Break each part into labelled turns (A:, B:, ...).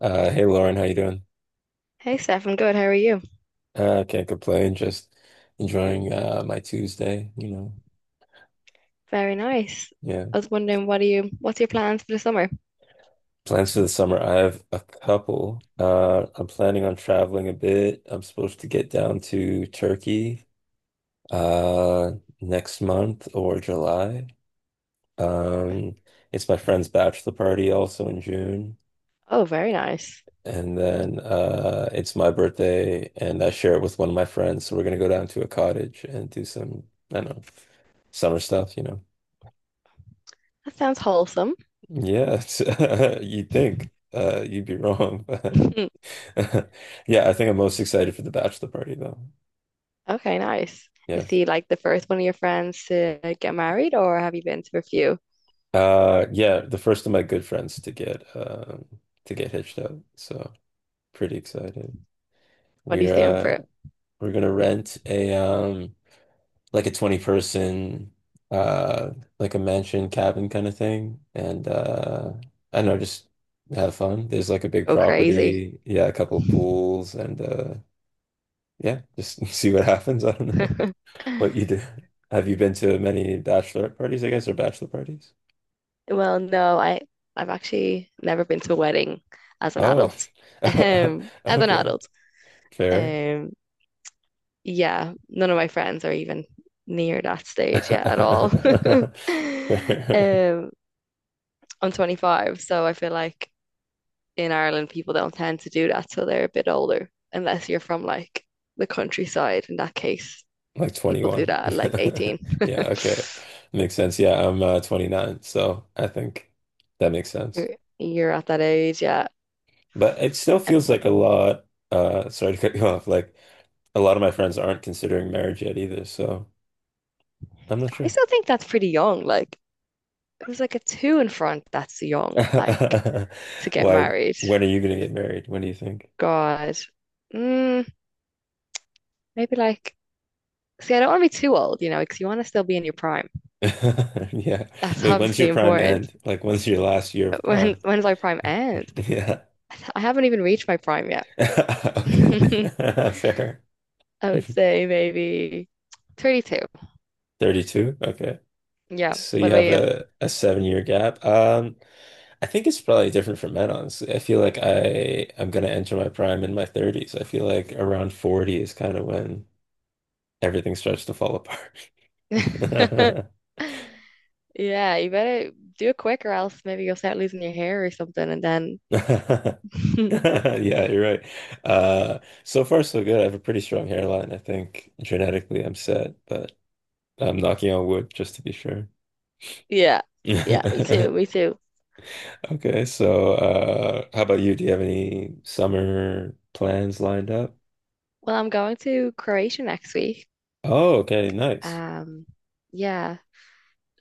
A: Hey Lauren, how you doing?
B: Hey Steph, I'm good. How are you?
A: Can't complain. Just enjoying my Tuesday, you know.
B: Very nice. I
A: Yeah.
B: was wondering, what's your plans for the summer?
A: Plans for the summer. I have a couple. I'm planning on traveling a bit. I'm supposed to get down to Turkey uh next month or July. Um, it's my friend's bachelor party also in June.
B: Oh, very nice.
A: And then it's my birthday and I share it with one of my friends. So we're gonna go down to a cottage and do some, I don't know, summer stuff, you know.
B: That sounds wholesome.
A: Yes, you'd think you'd be wrong, but yeah, I think I'm most excited for the bachelor party though.
B: Okay, nice. Is
A: Yeah,
B: he like the first one of your friends to get married, or have you been to a few?
A: yeah, the first of my good friends to get, to get hitched up, so pretty excited.
B: What are you
A: We're
B: doing for
A: uh,
B: it?
A: we're gonna rent a like a 20 person uh, like a mansion cabin kind of thing, and I don't know, just have fun. There's like a big
B: Go crazy.
A: property, yeah, a couple pools and. Yeah, just see what happens. I don't know what you do. Have you been to many bachelorette parties, I guess, or bachelor parties?
B: Well, no, I've actually never been to a wedding as an
A: Oh,
B: adult. As an
A: okay,
B: adult.
A: fair.
B: Um, yeah, none of my friends are even near that stage yet at all.
A: Fair.
B: Um, I'm 25, so I feel like in Ireland people don't tend to do that till they're a bit older, unless you're from like the countryside. In that case,
A: Like
B: people do
A: 21.
B: that at like 18.
A: Yeah, okay. Makes sense. Yeah, I'm 29, so I think that makes sense.
B: You're, you're at that age, yeah.
A: But it still feels like a lot, sorry to cut you off, like a lot of my friends aren't considering marriage yet either, so I'm not
B: I
A: sure.
B: still think that's pretty young. Like it was like a two in front. That's young, like to get
A: Why,
B: married.
A: when are you gonna get married? When do you think?
B: God, mm, maybe like. See, I don't want to be too old, you know, because you want to still be in your prime.
A: Yeah.
B: That's
A: Wait, when's
B: obviously
A: your prime
B: important.
A: end? Like, when's your last year
B: But
A: of
B: When
A: prime?
B: when does my prime end?
A: Yeah.
B: I haven't even reached my prime yet.
A: Okay. Fair.
B: I would say maybe 32.
A: 32? Okay.
B: Yeah.
A: So you
B: What
A: have
B: about
A: a seven-year gap. I think it's probably different for men, honestly. I feel like I'm gonna enter my prime in my 30s. I feel like around 40 is kind of when everything starts to fall
B: you?
A: apart.
B: Yeah, you better do it quick or else maybe you'll start losing your hair or something and then
A: Yeah, you're right. So far, so good. I have a pretty strong hairline. I think genetically I'm set, but I'm knocking on wood just to be sure.
B: yeah. Yeah, me too, me too.
A: Okay, so how about you? Do you have any summer plans lined up?
B: Well, I'm going to Croatia next week.
A: Oh, okay, nice.
B: Um yeah,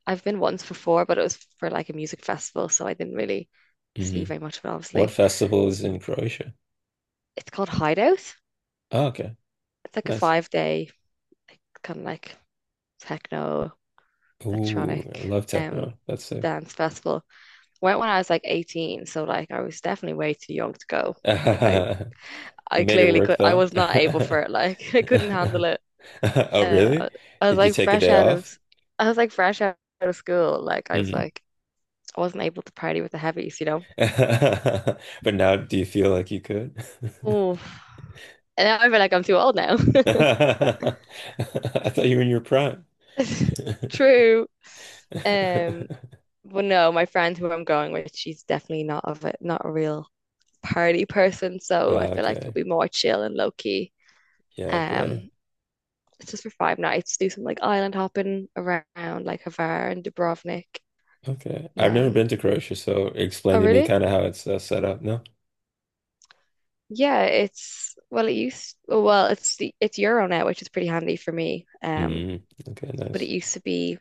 B: I've been once before, but it was for like a music festival, so I didn't really
A: Hmm.
B: see very much of it,
A: What
B: obviously.
A: festival is in Croatia?
B: It's called Hideout.
A: Oh, okay,
B: It's like a
A: nice.
B: 5 day like, kind of like techno
A: Ooh, I
B: electronic
A: love techno. That's sick.
B: dance festival. Went when I was like 18, so like I was definitely way too young to go. Like
A: You
B: I
A: made it
B: clearly
A: work
B: could I
A: though.
B: was not able for it. Like I couldn't handle it.
A: Oh,
B: Uh
A: really?
B: I I was
A: Did you
B: like
A: take a
B: fresh
A: day
B: out of
A: off?
B: I was like fresh out of school. Like
A: Hmm.
B: I wasn't able to party with the heavies.
A: But now, do you feel like you could?
B: Oh, and I feel like I'm too old now.
A: I thought you were in your prime.
B: True. Um, but no, my friend who I'm going with, she's definitely not of it, not a real party person, so I
A: Ah,
B: feel like it'd
A: okay.
B: be more chill and low key.
A: Yeah,
B: Um,
A: okay.
B: it's just for 5 nights, do some like island hopping around like Hvar and Dubrovnik,
A: Okay.
B: and
A: I've never
B: then
A: been to Croatia, so explain
B: oh
A: to me
B: really?
A: kind of how it's set up. No?
B: Yeah, it's well, it used oh, well, it's the it's Euro now, which is pretty handy for me.
A: Mm, okay,
B: But it
A: nice.
B: used to be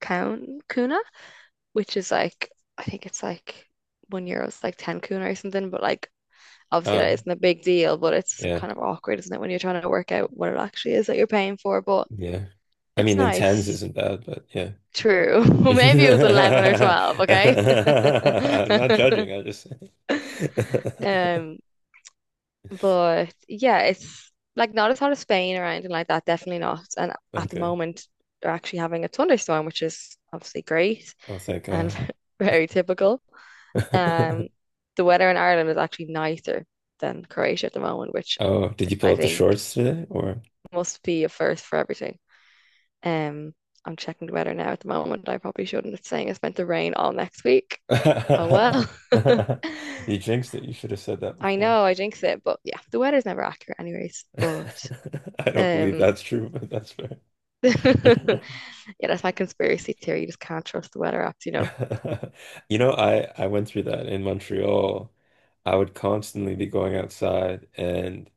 B: Count Kuna, which is like I think it's like €1 is like 10 kuna or something, but like obviously that
A: Oh,
B: isn't a big deal, but it's
A: yeah.
B: kind of awkward, isn't it, when you're trying to work out what it actually is that you're paying for. But
A: Yeah. I
B: it's
A: mean, in tens
B: nice.
A: isn't bad, but yeah.
B: True. Maybe it was 11 or
A: I'm
B: 12, okay?
A: not judging. I just.
B: Um, but yeah, it's like not as hot as Spain or anything like that, definitely not. And at the
A: Okay.
B: moment, they're actually having a thunderstorm, which is obviously great
A: Oh, thank
B: and
A: God.
B: very typical. Um, the weather in Ireland is actually nicer than Croatia at the moment, which
A: Oh, did you pull
B: I
A: up the
B: think
A: shorts today or?
B: must be a first for everything. Um, I'm checking the weather now at the moment. I probably shouldn't. It's saying it's meant to rain all next week. Oh well.
A: You jinxed it. You should have said that
B: I
A: before.
B: know, I jinxed it, but yeah, the weather's never accurate anyways. But
A: I don't believe
B: um
A: that's true, but that's fair.
B: yeah, that's my conspiracy theory. You just can't trust the weather apps.
A: You know, I went through that in Montreal. I would constantly be going outside and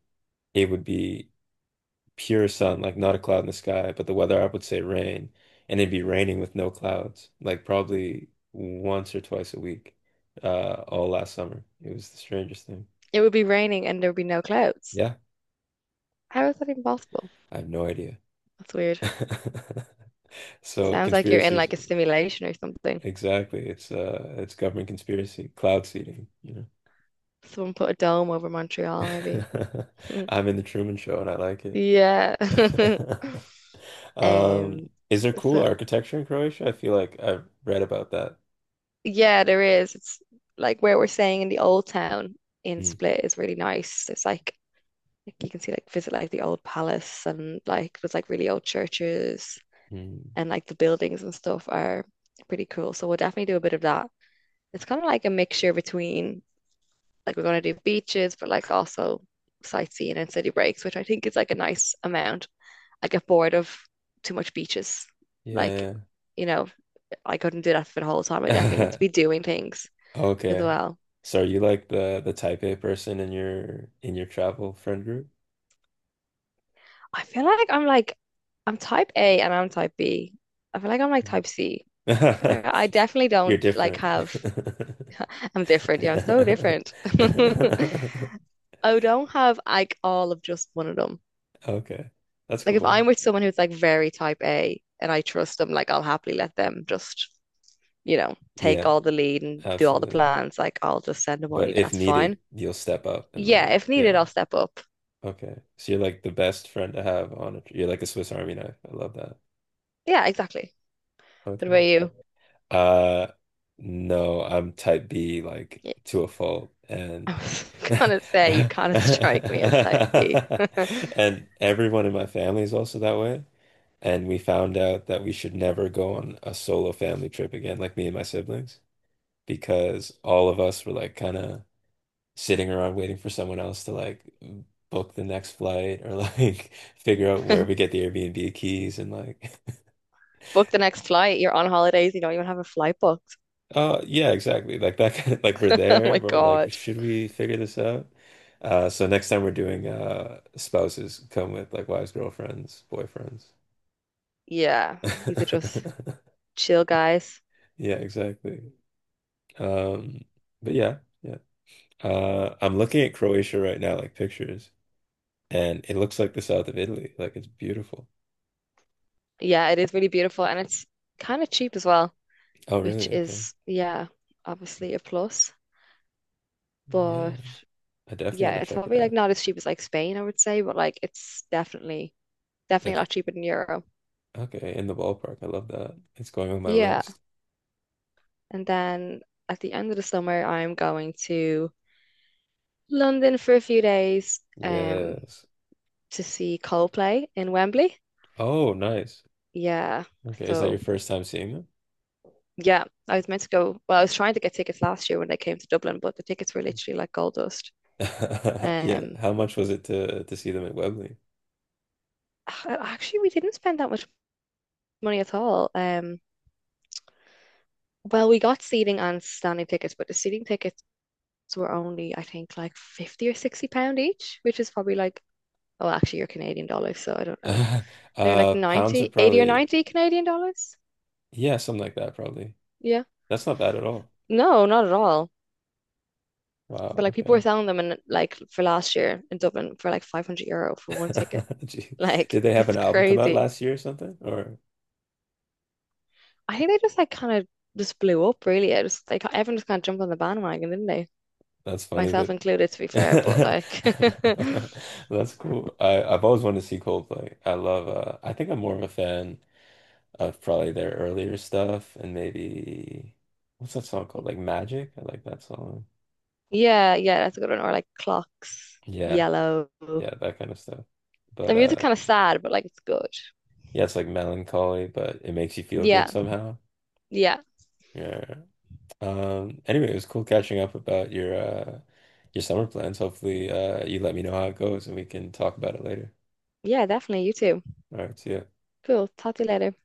A: it would be pure sun, like not a cloud in the sky, but the weather app would say rain, and it'd be raining with no clouds, like probably once or twice a week, all last summer. It was the strangest thing.
B: It would be raining and there would be no clouds.
A: Yeah.
B: How is that even possible?
A: I have no idea.
B: That's weird.
A: So
B: Sounds like you're in
A: conspiracies,
B: like a simulation or something.
A: exactly. It's government conspiracy, cloud seeding, you know.
B: Someone put a dome over Montreal, maybe.
A: I'm in the Truman Show and I like it.
B: Yeah. Um,
A: Is there cool
B: so
A: architecture in Croatia? I feel like I've read about that.
B: yeah, there is. It's like where we're staying in the old town in
A: Mm,
B: Split is really nice. There's like you can see like visit like the old palace and like there's like really old churches
A: mm.
B: and like the buildings and stuff are pretty cool. So we'll definitely do a bit of that. It's kind of like a mixture between like we're going to do beaches, but like also sightseeing and city breaks, which I think is like a nice amount. I get bored of too much beaches. Like,
A: Yeah.
B: you know, I couldn't do that for the whole time. I definitely need
A: Yeah.
B: to be doing things as
A: Okay.
B: well.
A: So are you like the type A person in your travel friend group?
B: I feel like I'm type A and I'm type B. I feel like I'm like type C. I feel
A: Mm.
B: like I definitely
A: You're
B: don't like
A: different.
B: have I'm different. Yeah, I'm so different. I don't have like all of just one of them.
A: Okay. That's
B: Like if I'm
A: cool.
B: with someone who's like very type A and I trust them, like I'll happily let them just, take
A: Yeah,
B: all the lead and do all the
A: absolutely.
B: plans. Like I'll just send the
A: But
B: money.
A: if
B: That's fine.
A: needed, you'll step up and
B: Yeah,
A: like,
B: if needed,
A: yeah.
B: I'll step up.
A: Okay. So you're like the best friend to have on a, tr- you're like a Swiss Army knife. I love that.
B: Yeah, exactly. What
A: Okay.
B: about you?
A: Uh, no, I'm type B, like to a fault.
B: I
A: And
B: was gonna say you kind of strike me as type B.
A: and everyone in my family is also that way. And we found out that we should never go on a solo family trip again, like me and my siblings, because all of us were like kind of sitting around waiting for someone else to like book the next flight or like figure out where we get the Airbnb keys and like
B: Book the next flight. You're on holidays. You don't even have a flight booked.
A: oh yeah exactly, like that kind of like we're
B: Oh
A: there
B: my
A: but we're
B: God.
A: like, should we figure this out? So next time we're doing spouses come with like wives, girlfriends, boyfriends.
B: Yeah. These are just chill guys.
A: Yeah, exactly. Um, but yeah, yeah, I'm looking at Croatia right now, like pictures, and it looks like the south of Italy. Like it's beautiful.
B: Yeah, it is really beautiful and it's kind of cheap as well,
A: Oh,
B: which
A: really? Okay.
B: is, yeah, obviously a plus.
A: Yeah,
B: But
A: I definitely
B: yeah,
A: want to
B: it's
A: check it
B: probably like
A: out.
B: not as cheap as like Spain, I would say, but like it's definitely, definitely a
A: Like,
B: lot
A: it-
B: cheaper than Euro.
A: okay, in the ballpark. I love that. It's going on my
B: Yeah.
A: list.
B: And then at the end of the summer, I'm going to London for a few days
A: Yes.
B: to see Coldplay in Wembley.
A: Oh, nice.
B: Yeah.
A: Okay, is that your
B: So
A: first time seeing them?
B: yeah, I was meant to go. Well, I was trying to get tickets last year when they came to Dublin, but the tickets were literally like gold dust.
A: Yeah.
B: Um
A: How much was it to see them at Webley?
B: Actually we didn't spend that much money at all. Well we got seating and standing tickets, but the seating tickets were only I think like 50 or £60 each, which is probably like oh actually you're Canadian dollars, so I don't know. Maybe like
A: Pounds are
B: 90, 80, or
A: probably
B: 90 Canadian dollars.
A: yeah, something like that probably.
B: Yeah.
A: That's not bad at all.
B: No, not at all.
A: Wow,
B: But like people were
A: okay.
B: selling them in like for last year in Dublin for like €500 for one ticket.
A: Gee.
B: Like
A: Did they have
B: it's
A: an album come out
B: crazy.
A: last year or something? Or
B: I think they just like kind of just blew up really. It was like everyone just kind of jumped on the bandwagon, didn't they?
A: that's funny
B: Myself
A: that.
B: included, to be fair, but like
A: That's cool. I I've always wanted to see Coldplay. I love I think I'm more of a fan of probably their earlier stuff and maybe, what's that song called? Like Magic? I like that song.
B: yeah, yeah, that's a good one. Or like clocks,
A: Yeah.
B: yellow. The
A: Yeah, that kind of stuff. But
B: music kind of sad, but like it's good.
A: yeah, it's like melancholy, but it makes you feel good
B: Yeah,
A: somehow.
B: yeah,
A: Yeah. Um, anyway, it was cool catching up about your summer plans. Hopefully you let me know how it goes and we can talk about it later.
B: yeah, definitely. You too.
A: All right, see ya.
B: Cool. Talk to you later.